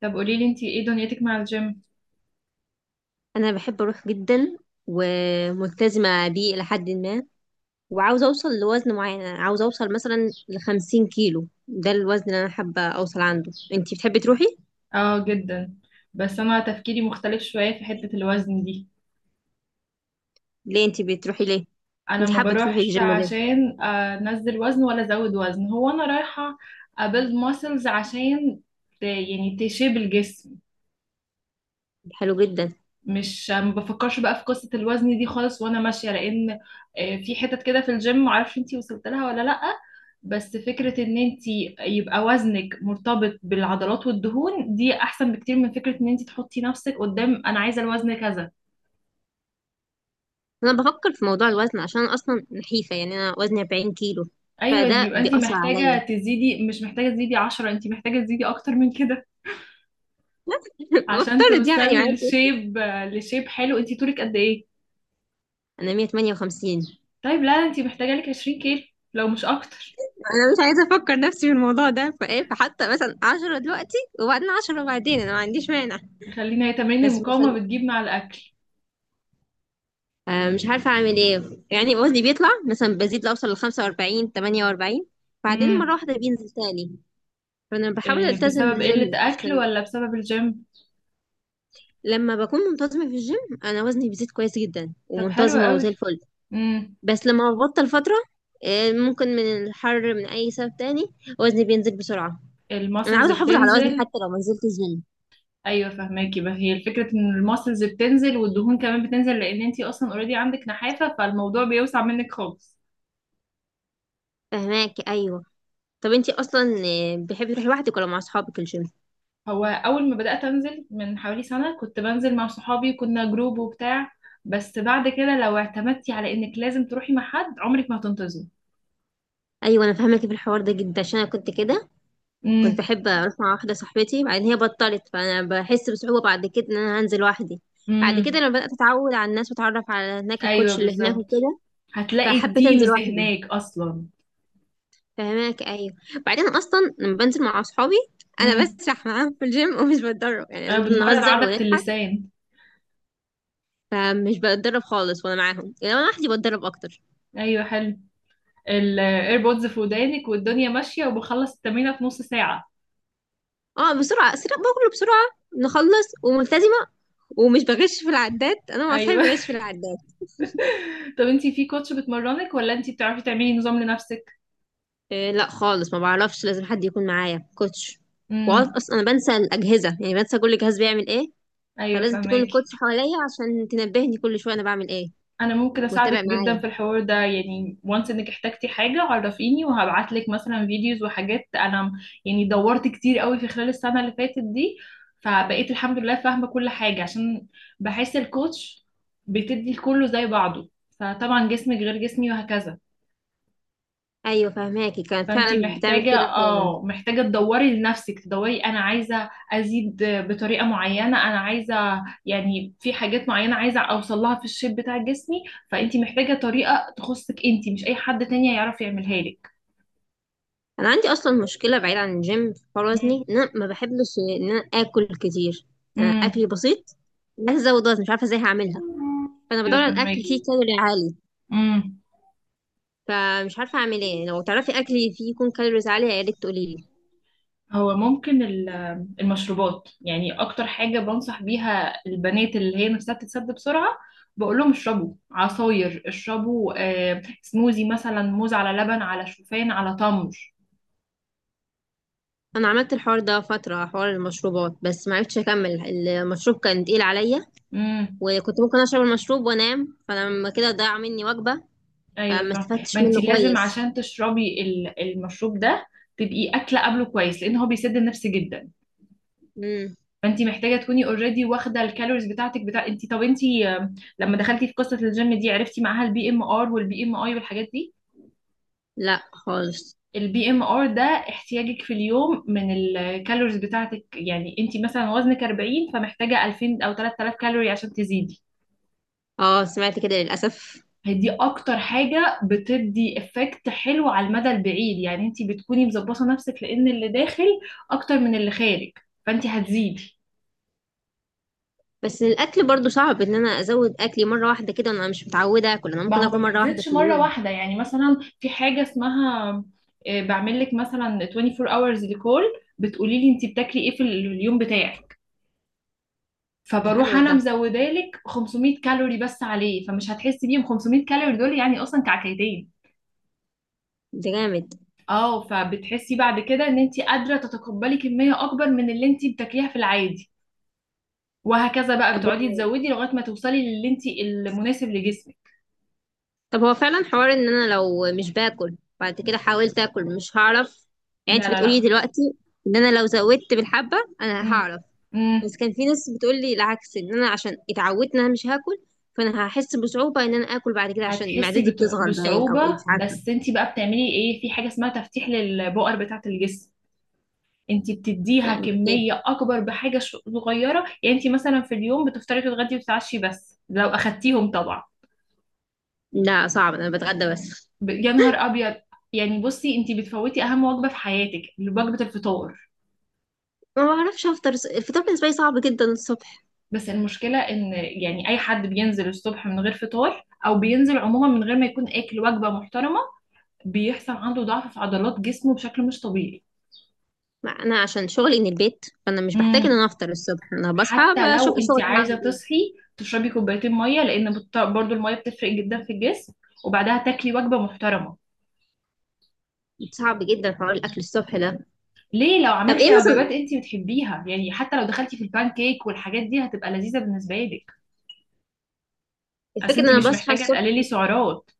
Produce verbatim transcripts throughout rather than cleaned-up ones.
طب قولي لي انتي ايه دنيتك مع الجيم؟ انا بحب اروح جدا وملتزمه بيه الى حد ما وعاوزه اوصل لوزن معين. أنا عاوزه اوصل مثلا لخمسين كيلو ده الوزن اللي انا حابه اوصل عنده. انتي بتحبي تروحي اه، جدا. بس انا تفكيري مختلف شوية في حتة الوزن دي. ليه؟ انتي بتروحي ليه؟ انا انتي ما حابه تروحي بروحش الجيم ليه؟ عشان انزل وزن ولا ازود وزن، هو انا رايحة ابيلد ماسلز عشان ت... يعني تشيب الجسم. حلو جدا. مش ما بفكرش بقى في قصة الوزن دي خالص وانا ماشية، لان آه، في حتت كده في الجيم معرفش انتي وصلت لها ولا لأ. بس فكرة ان انتي يبقى وزنك مرتبط بالعضلات والدهون دي احسن بكتير من فكرة ان انتي تحطي نفسك قدام انا عايزة الوزن كذا. انا بفكر في موضوع الوزن عشان انا اصلا نحيفه يعني انا وزني 40 كيلو ايوه، فده يبقى انتي بيأثر عليا. محتاجة تزيدي، مش محتاجة تزيدي عشرة، انتي محتاجة تزيدي اكتر من كده عشان بفترض يعني توصلي معاكي. لشيب. لشيب حلو. انتي طولك قد ايه؟ انا مية وتمانية وخمسين. طيب لا، انتي محتاجة لك عشرين كيلو، لو مش اكتر. انا مش عايزه افكر نفسي في الموضوع ده فايه، فحتى مثلا عشرة دلوقتي وبعدين عشرة وبعدين انا ما عنديش مانع. خلينا، هي تمارين بس المقاومة بتجيب مع الاكل. آه، مش عارفة أعمل إيه. يعني وزني بيطلع مثلا، بزيد لأوصل لخمسة وأربعين تمانية وأربعين بعدين مرة امم. واحدة بينزل تاني. فأنا بحاول إيه ألتزم بسبب قلة بالجيم أكل عشان ولا بسبب الجيم؟ لما بكون منتظمة في الجيم أنا وزني بيزيد كويس جدا طب حلو ومنتظمة وزي قوي. الفل. امم. بس لما ببطل فترة آه، ممكن من الحر من أي سبب تاني وزني بينزل بسرعة. أنا الماسلز عاوزة أحافظ على وزني بتنزل. حتى لو ما نزلت الجيم. ايوه فهماكي بقى. هي الفكرة ان الماسلز بتنزل والدهون كمان بتنزل، لان انتي اصلا اوريدي عندك نحافة فالموضوع بيوسع منك خالص. فهماكي أيوه. طب انتي اصلا آه، بتحبي تروحي لوحدك ولا مع اصحابك الجيم؟ هو اول ما بدأت انزل من حوالي سنة كنت بنزل مع صحابي، كنا جروب وبتاع. بس بعد كده، لو اعتمدتي على انك لازم تروحي مع حد، عمرك ما هتنتظري. ايوه انا فاهمك في الحوار ده جدا عشان انا كنت كده. كنت امم. بحب اروح مع واحده صاحبتي، بعدين هي بطلت فانا بحس بصعوبه بعد كده ان انا هنزل لوحدي. بعد كده امم. لما بدات اتعود على الناس واتعرف على هناك ايوه الكوتش اللي هناك بالظبط. وكده هتلاقي فحبيت انزل التيمز لوحدي. هناك اصلا. فهماك ايوه. بعدين اصلا لما بنزل مع اصحابي انا بسرح معاهم في الجيم ومش بتدرب، يعني آه، بنمرن بنهزر عضلة ونضحك. اللسان. فمش بتدرب خالص وانا معاهم، يعني انا لوحدي بتدرب اكتر. ايوه حلو. الايربودز في ودانك والدنيا ماشية وبخلص التمرينة في نص ساعة. اه بسرعه، اسرع باكله بسرعه، نخلص وملتزمه ومش بغش في العداد، انا مع اصحابي ايوه. بغش في العداد. طب انتي في كوتش بتمرنك ولا انتي بتعرفي تعملي نظام لنفسك؟ إيه لا خالص، ما بعرفش، لازم حد يكون معايا كوتش. وأص- امم. اصلا انا بنسى الاجهزه، يعني بنسى كل جهاز بيعمل ايه. ايوه فلازم تكون فهماكي. الكوتش حواليا عشان تنبهني كل شويه انا بعمل ايه انا ممكن وتتابع اساعدك جدا معايا. في الحوار ده، يعني وانس، انك احتجتي حاجه عرفيني وهبعت لك مثلا فيديوز وحاجات. انا م- يعني دورت كتير قوي في خلال السنه اللي فاتت دي، فبقيت الحمد لله فاهمه كل حاجه. عشان بحس الكوتش بتدي لكله زي بعضه، فطبعا جسمك غير جسمي وهكذا. ايوه فهماكي، كانت فانتي فعلا بتعمل محتاجة كده احيانا. اه، محتاجة تدوري لنفسك، تدوري انا عايزة ازيد بطريقة معينة، انا عايزة يعني في حاجات معينة عايزة اوصل لها في الشيب بتاع جسمي. فانتي محتاجة طريقة تخصك انتي، مش اي حد تاني هيعرف يعملها لك. انا عندي اصلا مشكله بعيد عن الجيم في حوار امم. وزني، ان انا ما بحبش ان انا اكل كتير. أنا اكلي بسيط. بس ازود وزن مش عارفه ازاي هعملها. امم. فانا ايوه بدور على الاكل فهماكي. فيه كالوري عالي. امم. فمش عارفه اعمل ايه، لو تعرفي اكل فيه يكون كالوريز عاليه يا ريت تقولي لي. هو ممكن ال- المشروبات. يعني اكتر حاجة بنصح بيها البنات اللي هي نفسها تتسد بسرعة، بقول لهم اشربوا عصاير، اشربوا آه، سموزي مثلا، موز على لبن على شوفان على تمر. انا عملت الحوار ده فتره، حوار المشروبات، بس ما عرفتش اكمل. المشروب كان تقيل عليا امم. وكنت ممكن اشرب المشروب وانام فلما كده ضاع مني وجبه. ايوه فما فاهم. ما استفدتش انت منه لازم كويس. عشان تشربي ال- المشروب ده تبقي اكله قبله كويس، لان هو بيسد النفس جدا. امم. فانت محتاجه تكوني اوريدي واخده الكالوريز بتاعتك بتاع انت. طب انت، آه، لما دخلتي في قصه الجيم دي عرفتي معاها البي ام ار والبي ام اي والحاجات دي؟ لا خالص. البي ام ار ده احتياجك في اليوم من الكالوريز بتاعتك. يعني انت مثلا وزنك اربعين، فمحتاجه الفين او تلات الاف كالوري عشان تزيدي. اه سمعت كده للاسف. هي دي اكتر حاجه بتدي افكت حلو على المدى البعيد، يعني انت بتكوني مظبطه نفسك. لان اللي داخل اكتر من اللي خارج، فانت هتزيدي. بس الاكل برضو صعب، ان انا ازود اكلي مره واحده كده انا مش متعوده اكل، انا ما ممكن هو اكل ما مره واحده بتزيدش في مره اليوم. واحده. يعني مثلا في حاجه اسمها آه، بعمل لك مثلا تونتي فور آورز hours ريكول، بتقولي لي انت بتاكلي ايه في اليوم بتاعك، ده فبروح حلو انا ده، مزودالك خمسمية كالوري بس عليه، فمش هتحسي بيهم. خمسمية كالوري دول يعني اصلا كعكيتين. ده جامد. اه، فبتحسي بعد كده ان انت قادره تتقبلي كميه اكبر من اللي انت بتاكليها في العادي، وهكذا بقى طب بتقعدي تزودي لغايه ما توصلي للي انت المناسب لجسمك. طب هو فعلا حوار ان انا لو مش باكل بعد كده حاولت اكل مش هعرف؟ يعني لا انت لا بتقولي لا. دلوقتي ان انا لو زودت بالحبة انا امم. هعرف. امم. بس كان في ناس بتقول لي العكس، ان انا عشان اتعودت ان انا مش هاكل فانا هحس بصعوبة ان انا اكل بعد كده عشان هتحسي معدتي بت- بتصغر باين بصعوبه. او ايه مش عارفة. بس انت بقى بتعملي ايه في حاجه اسمها تفتيح للبؤر بتاعه الجسم. انت بتديها يعني ايه؟ كمية اكبر بحاجة ش- صغيرة. يعني انت مثلا في اليوم بتفطري تتغدي وتتعشي، بس لو اخدتيهم طبعا. لا صعب، انا بتغدى بس. ب- يا نهار ابيض! يعني بصي، انت بتفوتي اهم وجبة في حياتك، وجبة الفطار. ما بعرفش افطر، الفطار بالنسبه لي صعب جدا الصبح. بس المشكلة ان يعني اي حد بينزل الصبح من غير فطار، او بينزل عموما من غير ما يكون اكل وجبة محترمة، بيحصل عنده ضعف في عضلات جسمه بشكل مش طبيعي. ما انا عشان شغلي من البيت فانا مش بحتاج ان امم. انا افطر الصبح، انا بصحى حتى بشوف لو انت شغلي عايزه هعمل ايه. تصحي تشربي كوبايتين ميه، لان بت- برضو الميه بتفرق جدا في الجسم، وبعدها تاكلي وجبه محترمه. صعب جدا حوار الاكل الصبح ده. ليه؟ لو طب ايه عملتي وجبات مثلا؟ انت بتحبيها، يعني حتى لو دخلتي في البان كيك والحاجات دي، هتبقى لذيذه بالنسبه لك. اصل الفكرة ان انت انا مم. مش بصحى محتاجه الصبح. تقللي سعرات.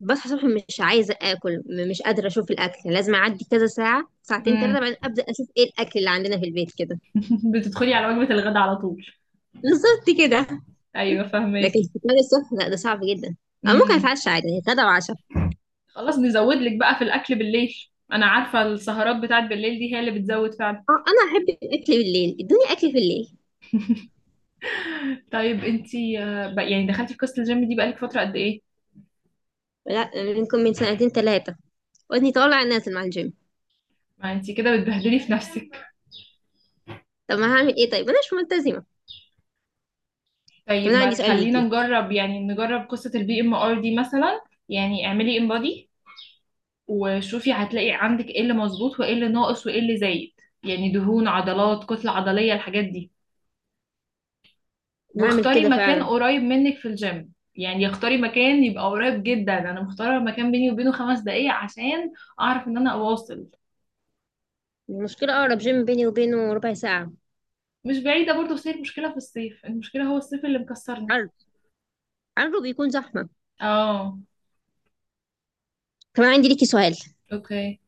بصحى الصبح مش عايزة اكل، م- مش قادرة اشوف الاكل، لازم اعدي كذا ساعة، ساعتين امم. ثلاثة بعدين ابدأ اشوف ايه الاكل اللي عندنا في البيت كده. بتدخلي على وجبه الغداء على طول. بالظبط كده. ايوه فاهمك. لكن فطار الصبح لا، ده صعب جدا. او ممكن امم. اتعشى عادي، يعني غدا وعشاء. خلاص نزود لك بقى في الاكل بالليل. انا عارفه السهرات بتاعت بالليل دي هي اللي بتزود فعلا. اه انا احب الاكل بالليل، ادوني اكل في الليل. طيب انت يعني دخلتي في قصه الجيم دي بقالك فتره قد ايه؟ لا منكم، من سنتين ثلاثة ودني طالع نازل مع الجيم. ما انتي كده بتبهدلي في نفسك. طب ما هعمل ايه طيب، انا مش ملتزمة. طب طيب انا عندي ما سؤال تخلينا ليكي. نجرب، يعني نجرب قصة البي ام ار دي مثلا. يعني اعملي انبادي وشوفي، هتلاقي عندك ايه اللي مظبوط وايه اللي ناقص وايه اللي زايد، يعني دهون، عضلات، كتلة عضلية، الحاجات دي. هعمل واختاري كده مكان فعلا. قريب منك في الجيم، يعني اختاري مكان يبقى قريب جدا. انا مختاره مكان بيني وبينه خمس دقايق عشان اعرف ان انا اواصل. المشكلة اقرب جيم بيني وبينه ربع ساعة. مش بعيده برضه، بس هي المشكله في الصيف، المشكله هو الصيف اللي مكسرنا. عرض عرضه بيكون زحمة. اه. كمان عندي ليكي سؤال. اوكي.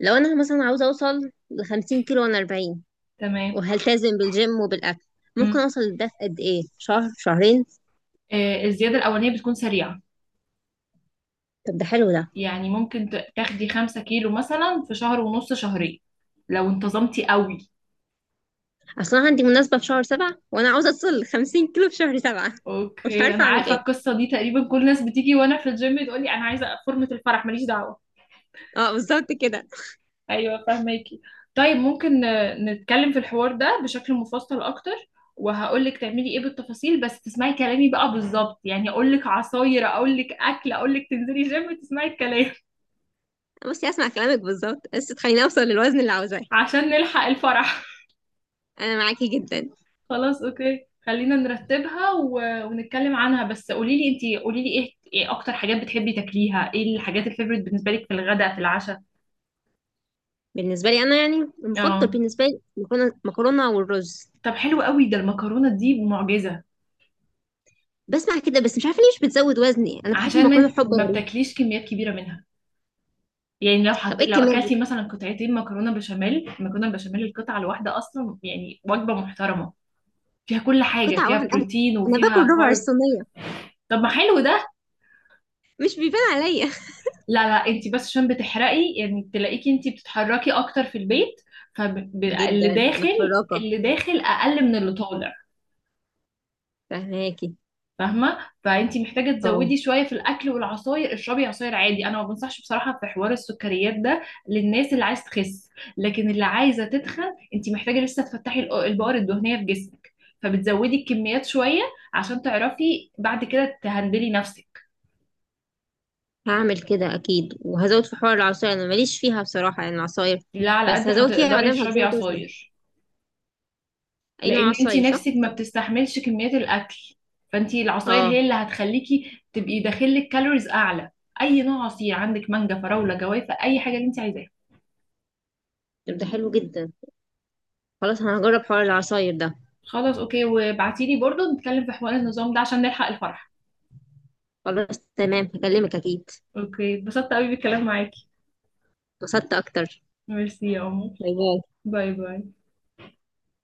لو انا مثلا عاوزه اوصل لخمسين كيلو وانا اربعين تمام. وهلتزم بالجيم وبالاكل ممكن اوصل لده في قد ايه، شهر، شهرين؟ آه، الزيادة الأولانية بتكون سريعة. طب ده حلو ده. يعني ممكن ت- تاخدي خمسة كيلو مثلا في شهر ونص، شهرين، لو انتظمتي قوي. اصلا عندي مناسبه في شهر سبعة وانا عاوزه اوصل لخمسين كيلو في شهر سبعة. مش اوكي، عارفه انا اعمل عارفة ايه. القصة دي. تقريبا كل الناس بتيجي وانا في الجيم تقولي انا عايزة فورمة الفرح. ماليش دعوة. اه بالظبط كده. ايوه فاهماكي. طيب ممكن آه، نتكلم في الحوار ده بشكل مفصل اكتر، وهقولك تعملي ايه بالتفاصيل. بس تسمعي كلامي بقى بالظبط، يعني اقولك عصاير اقولك اكل اقولك تنزلي جيم تسمعي الكلام بصي اسمع كلامك بالظبط بس تخليني اوصل للوزن اللي عاوزاه. عشان نلحق الفرح. انا معاكي جدا. خلاص اوكي، خلينا نرتبها و... ونتكلم عنها. بس قولي لي انتي قولي لي ايه، ايه اكتر حاجات بتحبي تاكليها، ايه الحاجات الفيفوريت بالنسبه لك في الغداء في العشاء؟ بالنسبه لي انا يعني المفضل اه. بالنسبه لي مكرونه، مكرونه والرز. طب حلو قوي، ده المكرونه دي معجزه. بسمع كده بس مش عارفه ليه مش بتزود وزني، انا بحب عشان المكرونه ما حب ما غريب. بتاكليش كميات كبيره منها. يعني لو طب حط... ايه لو الكميه اكلتي دي؟ مثلا قطعتين مكرونه بشاميل، المكرونه البشاميل القطعه الواحده اصلا يعني وجبه محترمه، فيها كل حاجه، قطعه فيها واحده؟ انا بروتين أنا باكل وفيها ربع كارب. الصينيه. طب ما حلو ده. مش بيبان عليا. لا لا، انت بس عشان بتحرقي، يعني تلاقيكي انت بتتحركي اكتر في البيت، فاللي جدا داخل، انا فراقة. اللي داخل اقل من اللي طالع. فهماكي فاهمه. فانت محتاجه اه. تزودي شويه في الاكل والعصاير. اشربي عصاير عادي. انا ما بنصحش بصراحه في حوار السكريات ده للناس اللي عايز تخس، لكن اللي عايزه تتخن انت محتاجه لسه تفتحي الق- البؤر الدهنيه في جسمك، فبتزودي الكميات شويه عشان تعرفي بعد كده تهندلي نفسك. هعمل كده اكيد وهزود في حوار العصاير، انا ماليش فيها بصراحة يعني العصاير. لا، على بس قد ما هزود فيها ما تقدري دام اشربي هتزود وزني. عصاير، اي نوع لان انت عصاير، نفسك صح؟ ما بتستحملش كميات الاكل، فانت العصاير هي اه. اللي هتخليكي تبقي داخلك كالوريز اعلى. اي نوع عصير، عندك مانجا، فراوله، جوافه، اي حاجه اللي انت عايزاها. طب ده حلو جدا. خلاص انا هجرب حوار العصاير ده. خلاص اوكي، وابعتيلي برضو نتكلم في حوار النظام ده عشان نلحق الفرح. خلاص تمام هكلمك اكيد. اوكي، اتبسطت قوي بالكلام معاكي. اتبسطت اكتر. ميرسي يا عمر. باي باي. باي باي.